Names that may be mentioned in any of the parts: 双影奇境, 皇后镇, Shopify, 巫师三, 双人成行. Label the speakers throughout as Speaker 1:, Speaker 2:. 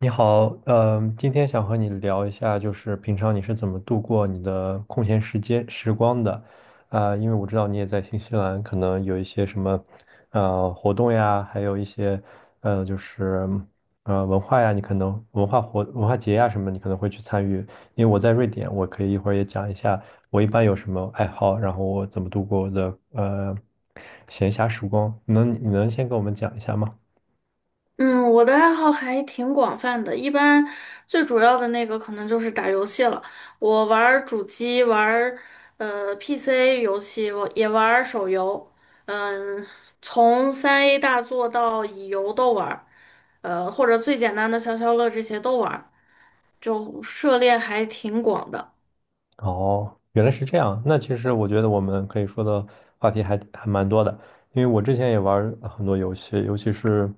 Speaker 1: 你好，今天想和你聊一下，就是平常你是怎么度过你的空闲时光的？因为我知道你也在新西兰，可能有一些什么，活动呀，还有一些，呃，就是文化呀，你可能文化节呀什么，你可能会去参与。因为我在瑞典，我可以一会儿也讲一下我一般有什么爱好，然后我怎么度过我的闲暇时光。你能先跟我们讲一下吗？
Speaker 2: 嗯，我的爱好还挺广泛的，一般最主要的那个可能就是打游戏了。我玩儿主机，玩儿PC 游戏，我也玩儿手游。嗯，从3A 大作到乙游都玩儿，或者最简单的消消乐这些都玩儿，就涉猎还挺广的。
Speaker 1: 哦，原来是这样。那其实我觉得我们可以说的话题还蛮多的，因为我之前也玩儿很多游戏，尤其是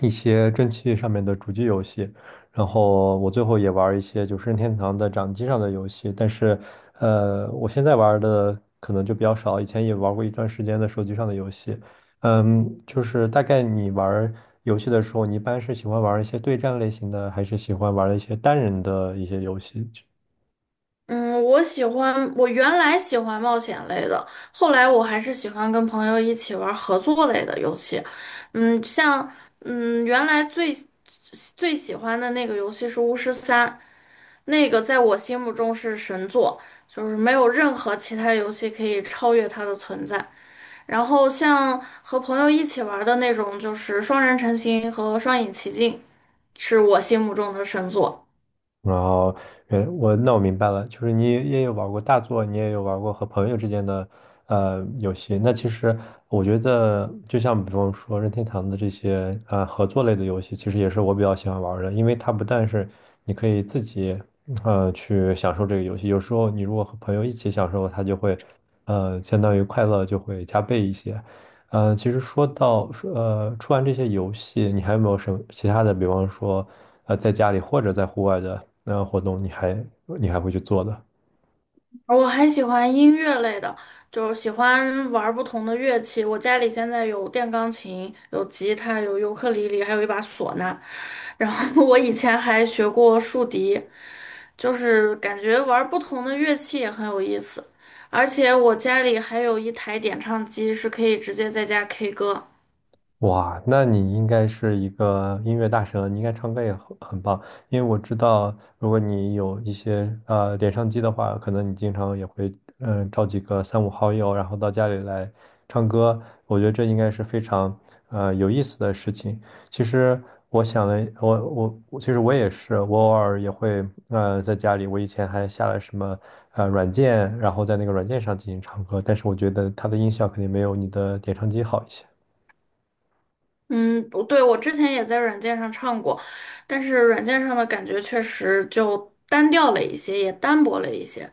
Speaker 1: 一些蒸汽上面的主机游戏，然后我最后也玩儿一些就是任天堂的掌机上的游戏，但是我现在玩儿的可能就比较少，以前也玩儿过一段时间的手机上的游戏。就是大概你玩儿游戏的时候，你一般是喜欢玩儿一些对战类型的，还是喜欢玩儿一些单人的一些游戏？
Speaker 2: 嗯，我原来喜欢冒险类的，后来我还是喜欢跟朋友一起玩合作类的游戏。嗯，原来最喜欢的那个游戏是巫师三，那个在我心目中是神作，就是没有任何其他游戏可以超越它的存在。然后像和朋友一起玩的那种，就是双人成行和双影奇境，是我心目中的神作。
Speaker 1: 然后，那我明白了，就是你也有玩过大作，你也有玩过和朋友之间的游戏。那其实我觉得，就像比方说任天堂的这些合作类的游戏，其实也是我比较喜欢玩儿的，因为它不但是你可以自己去享受这个游戏，有时候你如果和朋友一起享受，它就会相当于快乐就会加倍一些。其实说到，出完这些游戏，你还有没有什么其他的？比方说，在家里或者在户外的那活动你还会去做的？
Speaker 2: 我还喜欢音乐类的，就喜欢玩儿不同的乐器。我家里现在有电钢琴、有吉他、有尤克里里，还有一把唢呐。然后 我以前还学过竖笛，就是感觉玩儿不同的乐器也很有意思。而且我家里还有一台点唱机，是可以直接在家 K 歌。
Speaker 1: 哇，那你应该是一个音乐大神，你应该唱歌也很棒。因为我知道，如果你有一些点唱机的话，可能你经常也会找几个三五好友，然后到家里来唱歌。我觉得这应该是非常有意思的事情。其实我想了，我其实我也是，我偶尔也会在家里，我以前还下了什么软件，然后在那个软件上进行唱歌，但是我觉得它的音效肯定没有你的点唱机好一些。
Speaker 2: 嗯，不对，我之前也在软件上唱过，但是软件上的感觉确实就单调了一些，也单薄了一些。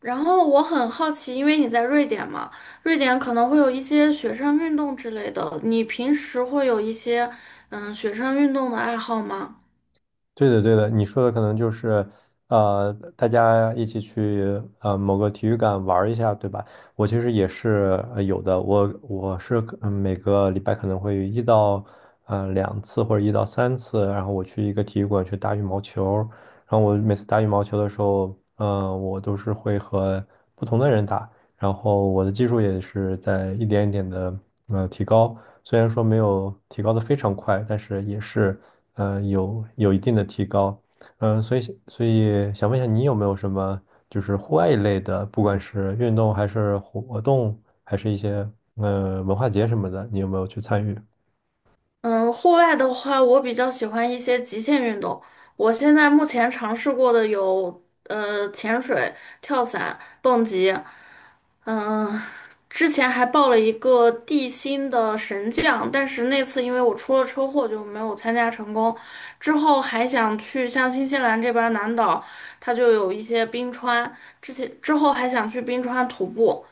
Speaker 2: 然后我很好奇，因为你在瑞典嘛，瑞典可能会有一些雪上运动之类的，你平时会有一些雪上运动的爱好吗？
Speaker 1: 对的，对的，你说的可能就是，呃，大家一起去某个体育馆玩儿一下，对吧？我其实也是有的，我我是可嗯每个礼拜可能会一到两次或者一到三次，然后我去一个体育馆去打羽毛球，然后我每次打羽毛球的时候，我都是会和不同的人打，然后我的技术也是在一点一点的提高，虽然说没有提高的非常快，但是也是。有一定的提高，嗯、所以所以想问一下，你有没有什么就是户外一类的，不管是运动还是活动，还是一些文化节什么的，你有没有去参与？
Speaker 2: 嗯，户外的话，我比较喜欢一些极限运动。我现在目前尝试过的有潜水、跳伞、蹦极。嗯，之前还报了一个地心的神将，但是那次因为我出了车祸就没有参加成功。之后还想去像新西兰这边儿南岛，它就有一些冰川，之后还想去冰川徒步，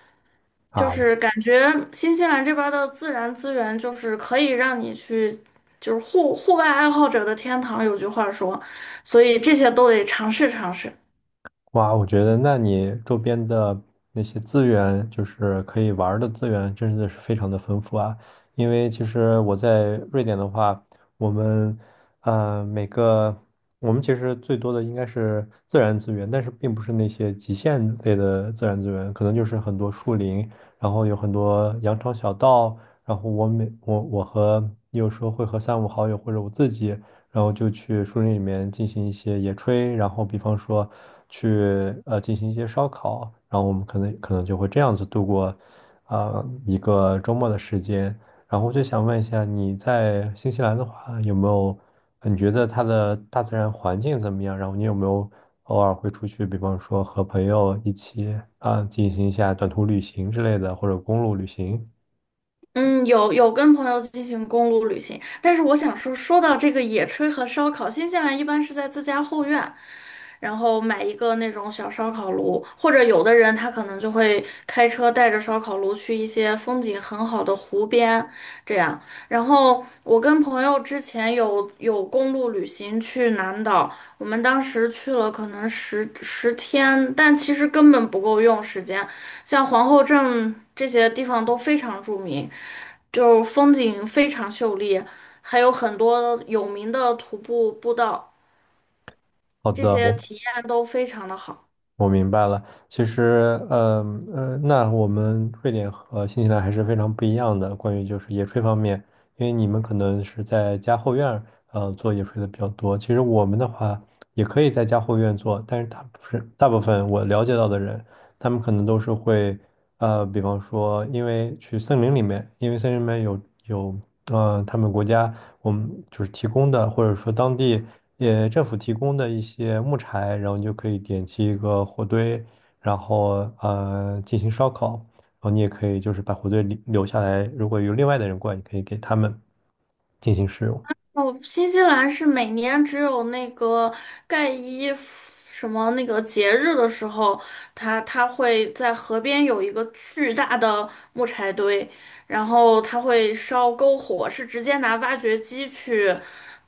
Speaker 2: 就
Speaker 1: 啊，
Speaker 2: 是感觉新西兰这边儿的自然资源就是可以让你去，就是户外爱好者的天堂，有句话说，所以这些都得尝试尝试。
Speaker 1: 哇，我觉得那你周边的那些资源，就是可以玩儿的资源，真的是非常的丰富啊。因为其实我在瑞典的话，我们呃每个我们其实最多的应该是自然资源，但是并不是那些极限类的自然资源，可能就是很多树林，然后有很多羊肠小道，然后我每我我和有时候会和三五好友或者我自己。然后就去树林里面进行一些野炊，然后比方说去进行一些烧烤，然后我们可能就会这样子度过一个周末的时间。然后我就想问一下，你在新西兰的话，有没有你觉得它的大自然环境怎么样？然后你有没有偶尔会出去，比方说和朋友一起进行一下短途旅行之类的，或者公路旅行？
Speaker 2: 嗯，有跟朋友进行公路旅行。但是我想说，说到这个野炊和烧烤，新西兰一般是在自家后院，然后买一个那种小烧烤炉，或者有的人他可能就会开车带着烧烤炉去一些风景很好的湖边，这样。然后我跟朋友之前有公路旅行去南岛，我们当时去了可能10天，但其实根本不够用时间，像皇后镇这些地方都非常著名。就风景非常秀丽，还有很多有名的徒步步道，
Speaker 1: 好
Speaker 2: 这
Speaker 1: 的，
Speaker 2: 些体验都非常的好。
Speaker 1: 我明白了，其实，那我们瑞典和新西兰还是非常不一样的。关于就是野炊方面，因为你们可能是在家后院儿做野炊的比较多。其实我们的话，也可以在家后院做，但是大部分我了解到的人，他们可能都是会。比方说，因为去森林里面，因为森林里面有，他们国家我们就是提供的，或者说当地也政府提供的一些木柴，然后你就可以点起一个火堆，然后进行烧烤，然后你也可以就是把火堆留下来，如果有另外的人过来，你可以给他们进行使用。
Speaker 2: 哦，新西兰是每年只有那个盖伊夫什么那个节日的时候，它会在河边有一个巨大的木柴堆，然后它会烧篝火，是直接拿挖掘机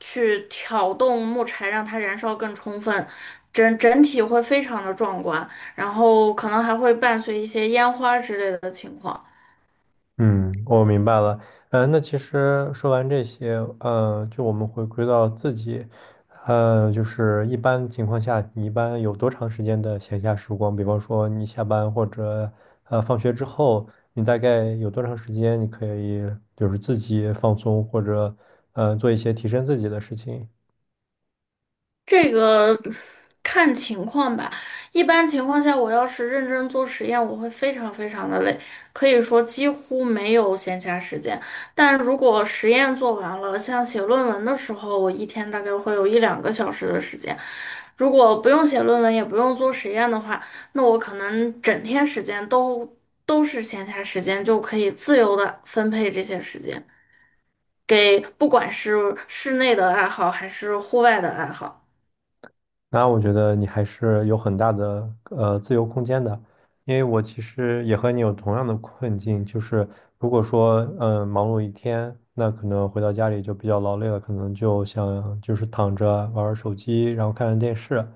Speaker 2: 去挑动木柴，让它燃烧更充分，整体会非常的壮观，然后可能还会伴随一些烟花之类的情况。
Speaker 1: 嗯，我明白了。那其实说完这些，就我们回归到自己，就是一般情况下，你一般有多长时间的闲暇时光？比方说你下班或者放学之后，你大概有多长时间你可以就是自己放松或者做一些提升自己的事情？
Speaker 2: 这个看情况吧。一般情况下，我要是认真做实验，我会非常非常的累，可以说几乎没有闲暇时间。但如果实验做完了，像写论文的时候，我一天大概会有一两个小时的时间。如果不用写论文，也不用做实验的话，那我可能整天时间都是闲暇时间，就可以自由的分配这些时间，给不管是室内的爱好还是户外的爱好。
Speaker 1: 那我觉得你还是有很大的自由空间的，因为我其实也和你有同样的困境，就是如果说忙碌一天，那可能回到家里就比较劳累了，可能就想就是躺着玩玩手机，然后看看电视。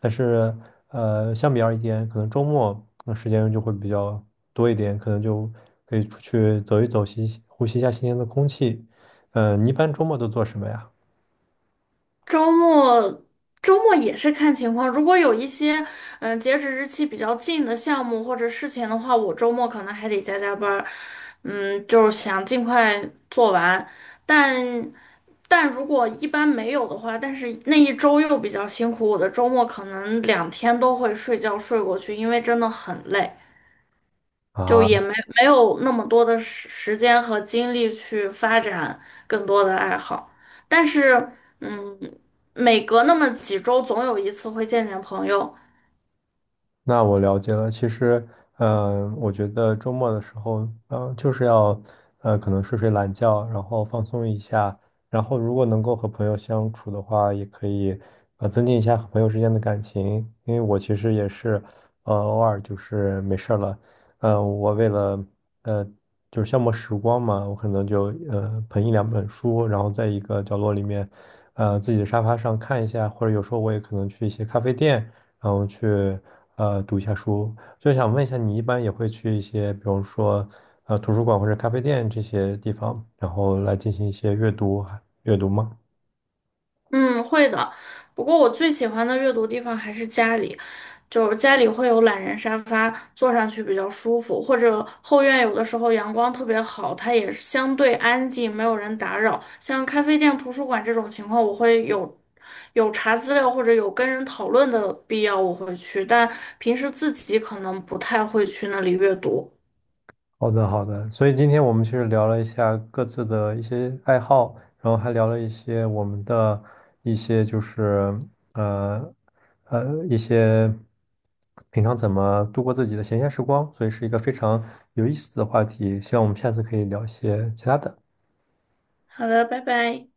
Speaker 1: 但是相比而言，可能周末那时间就会比较多一点，可能就可以出去走一走，吸呼吸一下新鲜的空气。你一般周末都做什么呀？
Speaker 2: 周末周末也是看情况，如果有一些截止日期比较近的项目或者事情的话，我周末可能还得加班儿，嗯，就是想尽快做完。但但如果一般没有的话，但是那一周又比较辛苦，我的周末可能两天都会睡觉睡过去，因为真的很累。就
Speaker 1: 啊。
Speaker 2: 也没有那么多的时间和精力去发展更多的爱好。但是，嗯，每隔那么几周，总有一次会见见朋友，
Speaker 1: 那我了解了。其实，我觉得周末的时候，就是要，可能睡睡懒觉，然后放松一下。然后，如果能够和朋友相处的话，也可以，增进一下和朋友之间的感情。因为我其实也是，偶尔就是没事儿了，我为了，呃，就是消磨时光嘛，我可能就，捧一两本书，然后在一个角落里面，自己的沙发上看一下，或者有时候我也可能去一些咖啡店。然后去读一下书。就想问一下，你一般也会去一些，比如说图书馆或者咖啡店这些地方，然后来进行一些阅读吗？
Speaker 2: 嗯，会的。不过我最喜欢的阅读地方还是家里，就是家里会有懒人沙发，坐上去比较舒服，或者后院有的时候阳光特别好，它也是相对安静，没有人打扰。像咖啡店、图书馆这种情况，我会有查资料或者有跟人讨论的必要，我会去，但平时自己可能不太会去那里阅读。
Speaker 1: 好的，好的。所以今天我们其实聊了一下各自的一些爱好，然后还聊了一些我们的一些就是呃呃一些平常怎么度过自己的闲暇时光，所以是一个非常有意思的话题。希望我们下次可以聊一些其他的。
Speaker 2: 好的，拜拜。